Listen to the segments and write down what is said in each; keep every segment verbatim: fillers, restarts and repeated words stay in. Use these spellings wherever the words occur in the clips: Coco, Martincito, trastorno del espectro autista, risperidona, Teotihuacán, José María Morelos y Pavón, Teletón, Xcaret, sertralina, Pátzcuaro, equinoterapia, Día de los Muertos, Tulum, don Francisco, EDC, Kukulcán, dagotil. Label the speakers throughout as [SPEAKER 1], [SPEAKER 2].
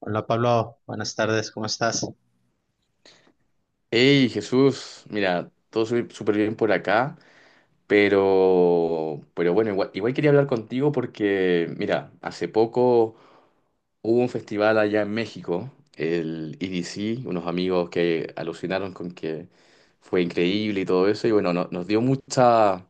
[SPEAKER 1] Hola Pablo, buenas tardes, ¿cómo estás?
[SPEAKER 2] Hey Jesús, mira, todo su- súper bien por acá, pero, pero bueno, igual, igual quería hablar contigo porque, mira, hace poco hubo un festival allá en México, el E D C, unos amigos que alucinaron con que fue increíble y todo eso, y bueno, no- nos dio mucha,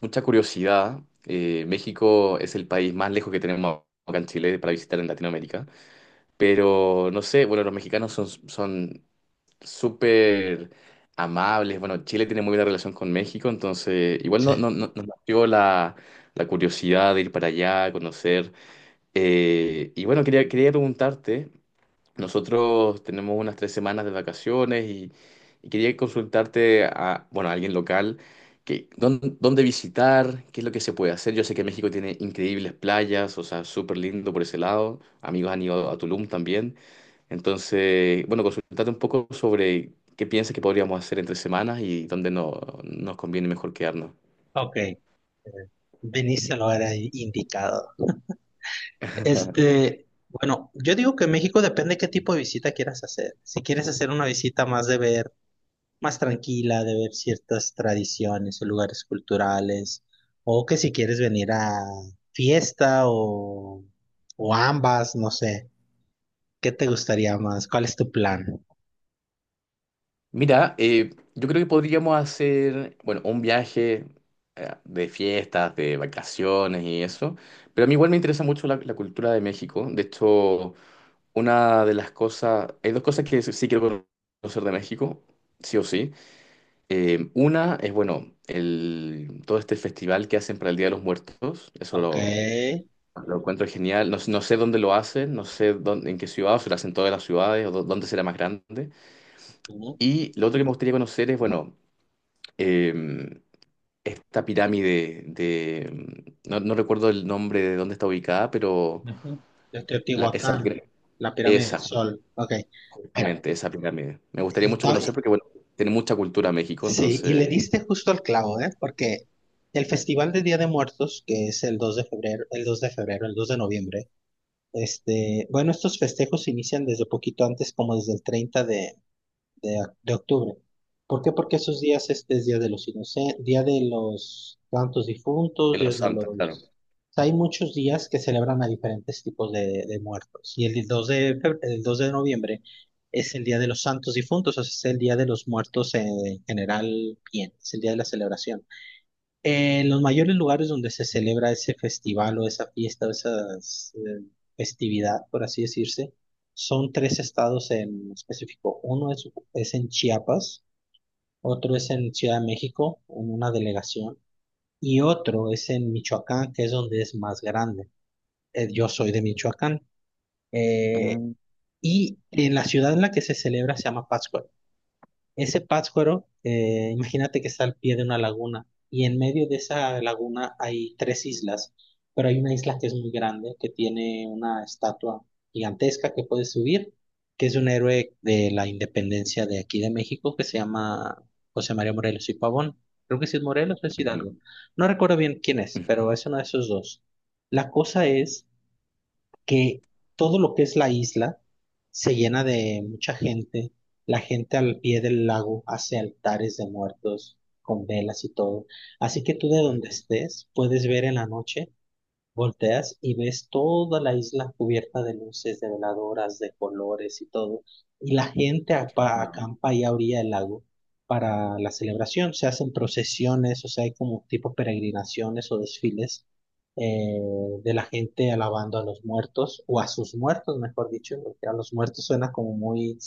[SPEAKER 2] mucha curiosidad. Eh, México es el país más lejos que tenemos acá en Chile para visitar en Latinoamérica, pero no sé, bueno, los mexicanos son, son súper amables. Bueno, Chile tiene muy buena relación con México, entonces igual no, no, no- nos nació la, la curiosidad de ir para allá, conocer. Eh, y bueno, quería, quería preguntarte, nosotros tenemos unas tres semanas de vacaciones y, y quería consultarte a, bueno, a alguien local. Que, dónde, ¿dónde visitar? ¿Qué es lo que se puede hacer? Yo sé que México tiene increíbles playas, o sea, súper lindo por ese lado. Amigos han ido a Tulum también. Entonces, bueno, consultate un poco sobre qué piensas que podríamos hacer entre semanas y dónde no, nos conviene mejor quedarnos.
[SPEAKER 1] Ok, eh, viniste a lo era indicado. Este, bueno, yo digo que México depende qué tipo de visita quieras hacer. Si quieres hacer una visita más de ver, más tranquila, de ver ciertas tradiciones o lugares culturales, o que si quieres venir a fiesta o, o ambas, no sé, ¿qué te gustaría más? ¿Cuál es tu plan?
[SPEAKER 2] Mira, eh, yo creo que podríamos hacer, bueno, un viaje eh, de fiestas, de vacaciones y eso, pero a mí igual me interesa mucho la, la cultura de México. De hecho, una de las cosas, hay dos cosas que sí quiero conocer de México, sí o sí. Eh, una es, bueno, el, todo este festival que hacen para el Día de los Muertos, eso
[SPEAKER 1] Ok.
[SPEAKER 2] lo Lo encuentro genial. No, no sé dónde lo hacen, no sé dónde, en qué ciudad, o si lo hacen en todas las ciudades, o dó- dónde será más grande. Y lo otro que me gustaría conocer es, bueno, eh, esta pirámide de... No, no recuerdo el nombre de dónde está ubicada, pero
[SPEAKER 1] Ujú. Yo estoy en
[SPEAKER 2] la- esa,
[SPEAKER 1] Teotihuacán,
[SPEAKER 2] pira-
[SPEAKER 1] la pirámide del
[SPEAKER 2] esa,
[SPEAKER 1] Sol. Ok, mira,
[SPEAKER 2] justamente, esa pirámide. Me gustaría
[SPEAKER 1] y
[SPEAKER 2] mucho conocer
[SPEAKER 1] to-
[SPEAKER 2] porque, bueno, tiene mucha cultura México,
[SPEAKER 1] sí, y le
[SPEAKER 2] entonces,
[SPEAKER 1] diste justo al clavo, ¿eh? Porque el Festival de Día de Muertos, que es el dos de febrero, el dos de febrero, el dos de noviembre, este, bueno, estos festejos se inician desde poquito antes, como desde el treinta de, de, de octubre. ¿Por qué? Porque esos días este es Día de los Inocentes, Día de los Santos Difuntos,
[SPEAKER 2] en
[SPEAKER 1] Día
[SPEAKER 2] los
[SPEAKER 1] de
[SPEAKER 2] Santos, claro.
[SPEAKER 1] los... O sea, hay muchos días que celebran a diferentes tipos de, de muertos. Y el dos de, febr- el dos de noviembre es el Día de los Santos Difuntos, o sea, es el Día de los Muertos eh, en general bien, es el día de la celebración. En los mayores lugares donde se celebra ese festival o esa fiesta o esa festividad, por así decirse, son tres estados en específico. Uno es, es en Chiapas, otro es en Ciudad de México, en una delegación, y otro es en Michoacán, que es donde es más grande. Eh, yo soy de Michoacán. Eh,
[SPEAKER 2] Mm,
[SPEAKER 1] y en la ciudad en la que se celebra se llama Pátzcuaro. Ese Pátzcuaro, eh, imagínate que está al pie de una laguna y en medio de esa laguna hay tres islas, pero hay una isla que es muy grande, que tiene una estatua gigantesca que puedes subir, que es un héroe de la independencia de aquí de México que se llama José María Morelos y Pavón. Creo que sí es Morelos o es
[SPEAKER 2] ujú,
[SPEAKER 1] Hidalgo. No recuerdo bien quién es,
[SPEAKER 2] ujú.
[SPEAKER 1] pero es uno de esos dos. La cosa es que todo lo que es la isla se llena de mucha gente. La gente al pie del lago hace altares de muertos con velas y todo. Así que tú de donde estés puedes ver en la noche. Volteas y ves toda la isla cubierta de luces, de veladoras, de colores y todo. Y la gente apa-
[SPEAKER 2] No,
[SPEAKER 1] acampa ahí a orilla del lago para la celebración. Se hacen procesiones, o sea, hay como tipo peregrinaciones o desfiles eh, de la gente alabando a los muertos, o a sus muertos, mejor dicho, porque a los muertos suena como muy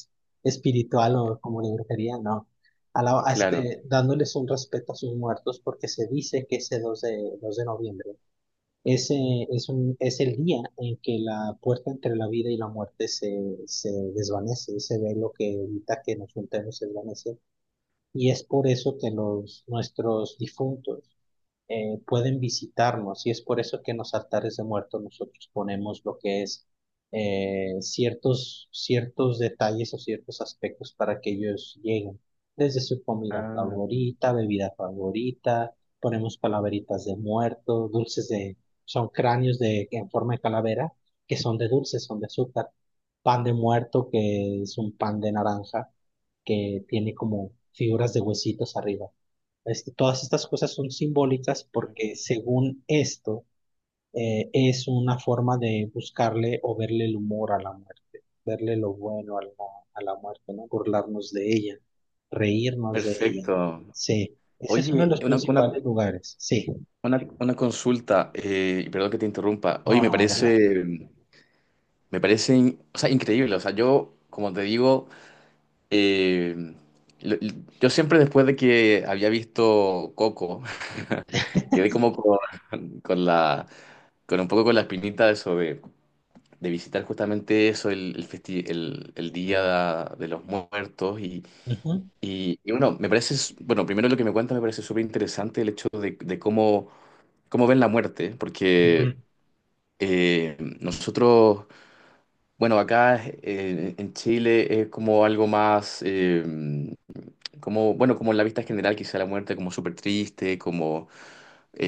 [SPEAKER 1] espiritual o como de brujería, no. Alaba- a
[SPEAKER 2] claro.
[SPEAKER 1] este- dándoles un respeto a sus muertos porque se dice que ese dos de, dos de noviembre ese es, un, es el día en que la puerta entre la vida y la muerte se, se desvanece, ese velo que evita que nos juntemos se desvanece. Y es por eso que los, nuestros difuntos eh, pueden visitarnos y es por eso que en los altares de muertos nosotros ponemos lo que es eh, ciertos, ciertos detalles o ciertos aspectos para que ellos lleguen, desde su comida
[SPEAKER 2] Ah,
[SPEAKER 1] favorita, bebida favorita, ponemos calaveritas de muertos, dulces de, son cráneos de, en forma de calavera, que son de dulces, son de azúcar, pan de muerto, que es un pan de naranja, que tiene como figuras de huesitos arriba. Este, todas estas cosas son simbólicas porque según esto eh, es una forma de buscarle o verle el humor a la muerte, verle lo bueno a la, a la muerte, ¿no? Burlarnos de ella, reírnos de ella.
[SPEAKER 2] perfecto.
[SPEAKER 1] Sí, ese es uno de
[SPEAKER 2] Oye,
[SPEAKER 1] los
[SPEAKER 2] una, una,
[SPEAKER 1] principales lugares. Sí,
[SPEAKER 2] Una, una consulta, eh, y perdón que te interrumpa. Oye,
[SPEAKER 1] no,
[SPEAKER 2] me
[SPEAKER 1] no, ¿verdad?
[SPEAKER 2] parece, me parece, in- o sea, increíble. O sea, yo, como te digo, eh, lo- lo- yo siempre después de que había visto Coco, quedé como con, con la, con un poco con la espinita de eso de, de visitar justamente eso, el, el, festi- el, el Día de los Muertos. Y,
[SPEAKER 1] Ujú,
[SPEAKER 2] y, y bueno, me parece, s- bueno, primero lo que me cuentas me parece súper interesante el hecho de, de cómo, cómo ven la muerte,
[SPEAKER 1] ujú,
[SPEAKER 2] porque Eh, nosotros, bueno, acá eh, en Chile es como algo más, eh, como, bueno, como en la vista general, quizá la muerte como súper triste, como,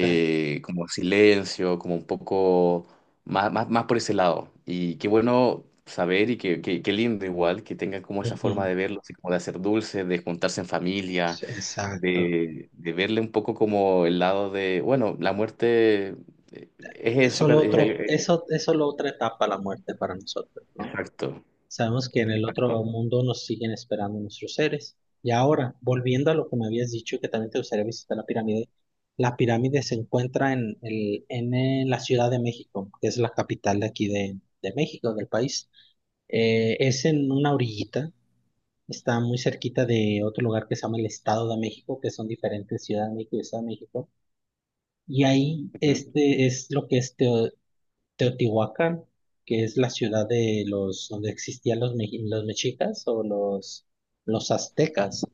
[SPEAKER 1] sí,
[SPEAKER 2] como silencio, como un poco más, más, más por ese lado. Y qué bueno saber y qué, qué, qué lindo igual que tengan como esa forma
[SPEAKER 1] ujú.
[SPEAKER 2] de verlo, así como de hacer dulce, de juntarse en familia,
[SPEAKER 1] Sí, exacto.
[SPEAKER 2] de, de verle un poco como el lado de, bueno, la muerte eh, es
[SPEAKER 1] Es
[SPEAKER 2] eso, que-
[SPEAKER 1] solo
[SPEAKER 2] es
[SPEAKER 1] otro,
[SPEAKER 2] el-
[SPEAKER 1] eso es solo otra etapa la muerte para nosotros, ¿no?
[SPEAKER 2] exacto.
[SPEAKER 1] Sabemos que en el otro
[SPEAKER 2] Exacto.
[SPEAKER 1] mundo nos siguen esperando nuestros seres. Y ahora, volviendo a lo que me habías dicho, que también te gustaría visitar la pirámide, la pirámide se encuentra en, el, en, eh, la Ciudad de México, que es la capital de aquí de, de México, del país. Eh, es en una orillita, está muy cerquita de otro lugar que se llama el Estado de México, que son diferentes Ciudad de México y Estado de México. Y ahí
[SPEAKER 2] Ujú,
[SPEAKER 1] este es lo que es Teo- Teotihuacán, que es la ciudad de los, donde existían los, meji- los mexicas o los, los aztecas.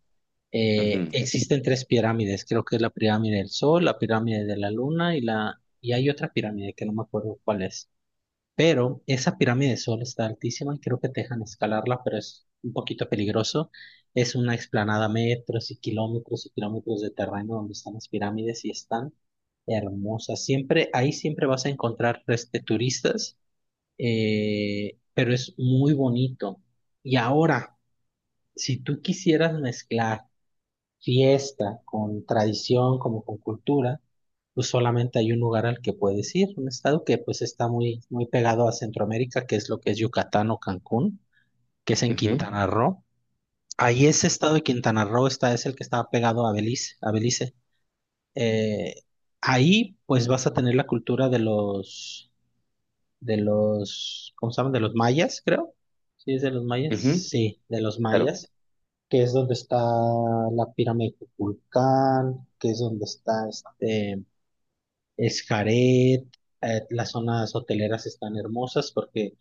[SPEAKER 1] Eh,
[SPEAKER 2] ujú,
[SPEAKER 1] existen tres pirámides, creo que es la pirámide del Sol, la pirámide de la Luna y la, y hay otra pirámide que no me acuerdo cuál es. Pero esa pirámide del Sol está altísima y creo que te dejan escalarla, pero es un poquito peligroso. Es una explanada metros y kilómetros y kilómetros de terreno donde están las pirámides y están hermosas. Siempre, ahí siempre vas a encontrar este, turistas eh, pero es muy bonito. Y ahora, si tú quisieras mezclar fiesta con tradición, como con cultura, pues solamente hay un lugar al que puedes ir, un estado que pues está muy, muy pegado a Centroamérica, que es lo que es Yucatán o Cancún, que es en
[SPEAKER 2] ujú,
[SPEAKER 1] Quintana Roo. Ahí ese estado de Quintana Roo está, es el que está pegado a Belice, a Belice. Eh, Ahí pues vas a tener la cultura de los de los, ¿cómo se llaman? De los mayas, creo. Sí, es de los mayas.
[SPEAKER 2] ujú.
[SPEAKER 1] Sí, de los
[SPEAKER 2] Claro,
[SPEAKER 1] mayas, que es donde está la pirámide de Kukulcán, que es donde está este Xcaret, eh, las zonas hoteleras están hermosas porque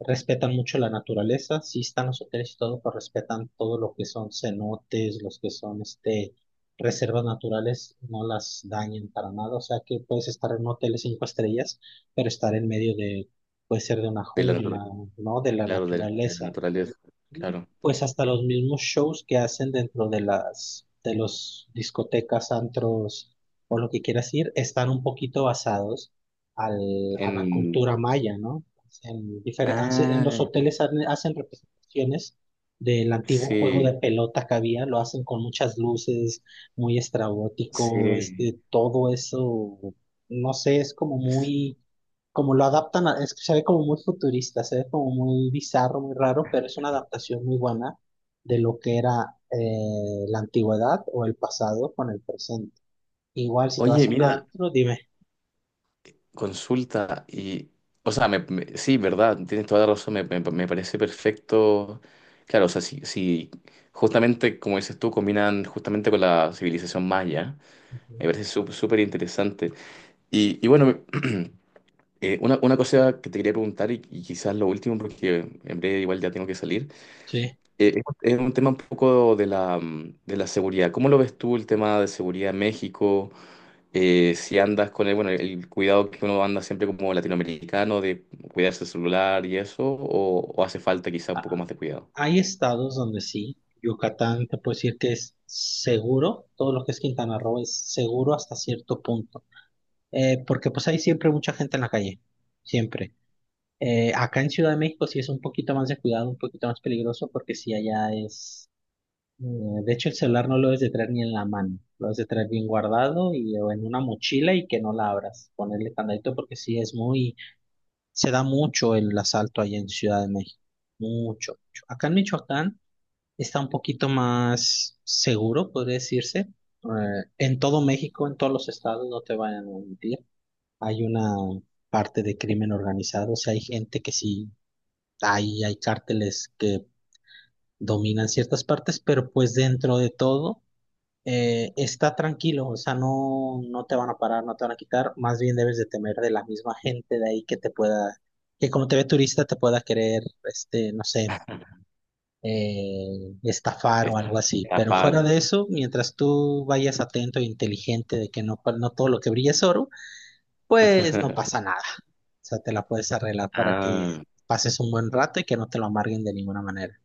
[SPEAKER 1] respetan mucho la naturaleza, sí están los hoteles y todo, pero respetan todo lo que son cenotes, los que son este, reservas naturales, no las dañan para nada. O sea que puedes estar en un hotel de cinco estrellas, pero estar en medio de, puede ser de una
[SPEAKER 2] de la,
[SPEAKER 1] jungla,
[SPEAKER 2] natura-
[SPEAKER 1] ¿no? De la
[SPEAKER 2] claro, de, la de la
[SPEAKER 1] naturaleza.
[SPEAKER 2] naturaleza,
[SPEAKER 1] Y
[SPEAKER 2] claro.
[SPEAKER 1] pues hasta los mismos shows que hacen dentro de las de los discotecas, antros o lo que quieras ir, están un poquito basados al- a la
[SPEAKER 2] En,
[SPEAKER 1] cultura maya, ¿no? En difer- hace- en los
[SPEAKER 2] ah,
[SPEAKER 1] hoteles han- hacen representaciones del antiguo juego de
[SPEAKER 2] sí,
[SPEAKER 1] pelota que había, lo hacen con muchas luces, muy estrabótico,
[SPEAKER 2] sí.
[SPEAKER 1] este, todo eso, no sé, es como
[SPEAKER 2] S-
[SPEAKER 1] muy como lo adaptan, a- es que se ve como muy futurista, se ve como muy bizarro, muy raro, pero es una adaptación muy buena de lo que era eh, la antigüedad o el pasado con el presente. Igual, si te
[SPEAKER 2] Oye,
[SPEAKER 1] vas a un
[SPEAKER 2] mira,
[SPEAKER 1] antro, dime.
[SPEAKER 2] consulta y, o sea, me- me- sí, verdad, tienes toda la razón, me, me- me parece perfecto. Claro, o sea, si, si justamente, como dices tú, combinan justamente con la civilización maya,
[SPEAKER 1] Ujú.
[SPEAKER 2] me parece sú- súper interesante. Y, y bueno, Eh, una, una cosa que te quería preguntar y, y quizás lo último, porque en breve igual ya tengo que salir,
[SPEAKER 1] Sí.
[SPEAKER 2] eh, es, es un tema un poco de la, mm, de la seguridad. ¿Cómo lo ves tú el tema de seguridad en México? Eh, si andas con el, bueno, el cuidado que uno anda siempre como latinoamericano de cuidarse el celular y eso, o, ¿o hace falta quizá un poco
[SPEAKER 1] A-
[SPEAKER 2] más de cuidado?
[SPEAKER 1] Hay estados donde sí, Yucatán te puedo decir que es seguro, todo lo que es Quintana Roo es seguro hasta cierto punto. Eh, porque pues hay siempre mucha gente en la calle, siempre. Eh, acá en Ciudad de México sí es un poquito más de cuidado, un poquito más peligroso, porque sí allá es. Eh, De hecho, el celular no lo debes de traer ni en la mano, lo debes de traer bien guardado y o en una mochila y que no la abras, ponerle candadito porque sí es muy, se da mucho el asalto allá en Ciudad de México, mucho, mucho. Acá en Michoacán está un poquito más seguro, podría decirse. Eh, en todo México, en todos los estados, no te vayan a mentir, hay una parte de crimen organizado, o sea, hay gente que sí, hay, hay cárteles que dominan ciertas partes, pero pues dentro de todo eh, está tranquilo, o sea, no, no te van a parar, no te van a quitar, más bien debes de temer de la misma gente de ahí que te pueda, que como te ve turista te pueda querer, este, no sé, eh, estafar o algo
[SPEAKER 2] Está
[SPEAKER 1] así.
[SPEAKER 2] esta
[SPEAKER 1] Pero fuera
[SPEAKER 2] parte.
[SPEAKER 1] de eso, mientras tú vayas atento e inteligente de que no, no todo lo que brilla es oro, pues no pasa nada. O sea, te la puedes arreglar para que
[SPEAKER 2] Ah,
[SPEAKER 1] pases un buen rato y que no te lo amarguen de ninguna manera.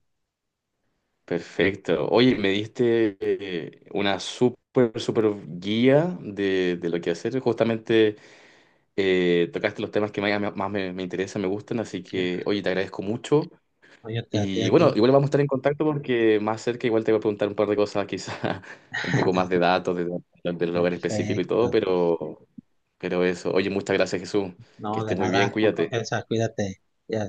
[SPEAKER 2] perfecto. Oye, me diste eh, una súper, súper guía de, de lo que hacer. Justamente Eh, tocaste los temas que más, más me, me interesan, me gustan, así que, oye, te agradezco mucho.
[SPEAKER 1] Oye, te- a ti,
[SPEAKER 2] Y
[SPEAKER 1] a ti.
[SPEAKER 2] bueno, igual vamos a estar en contacto porque más cerca igual te voy a preguntar un par de cosas, quizá un poco más de datos, de, del lugar específico y todo,
[SPEAKER 1] Perfecto.
[SPEAKER 2] pero, pero eso. Oye, muchas gracias, Jesús. Que
[SPEAKER 1] No, de
[SPEAKER 2] estés muy bien,
[SPEAKER 1] nada, con
[SPEAKER 2] cuídate.
[SPEAKER 1] confianza, cuídate. Ya.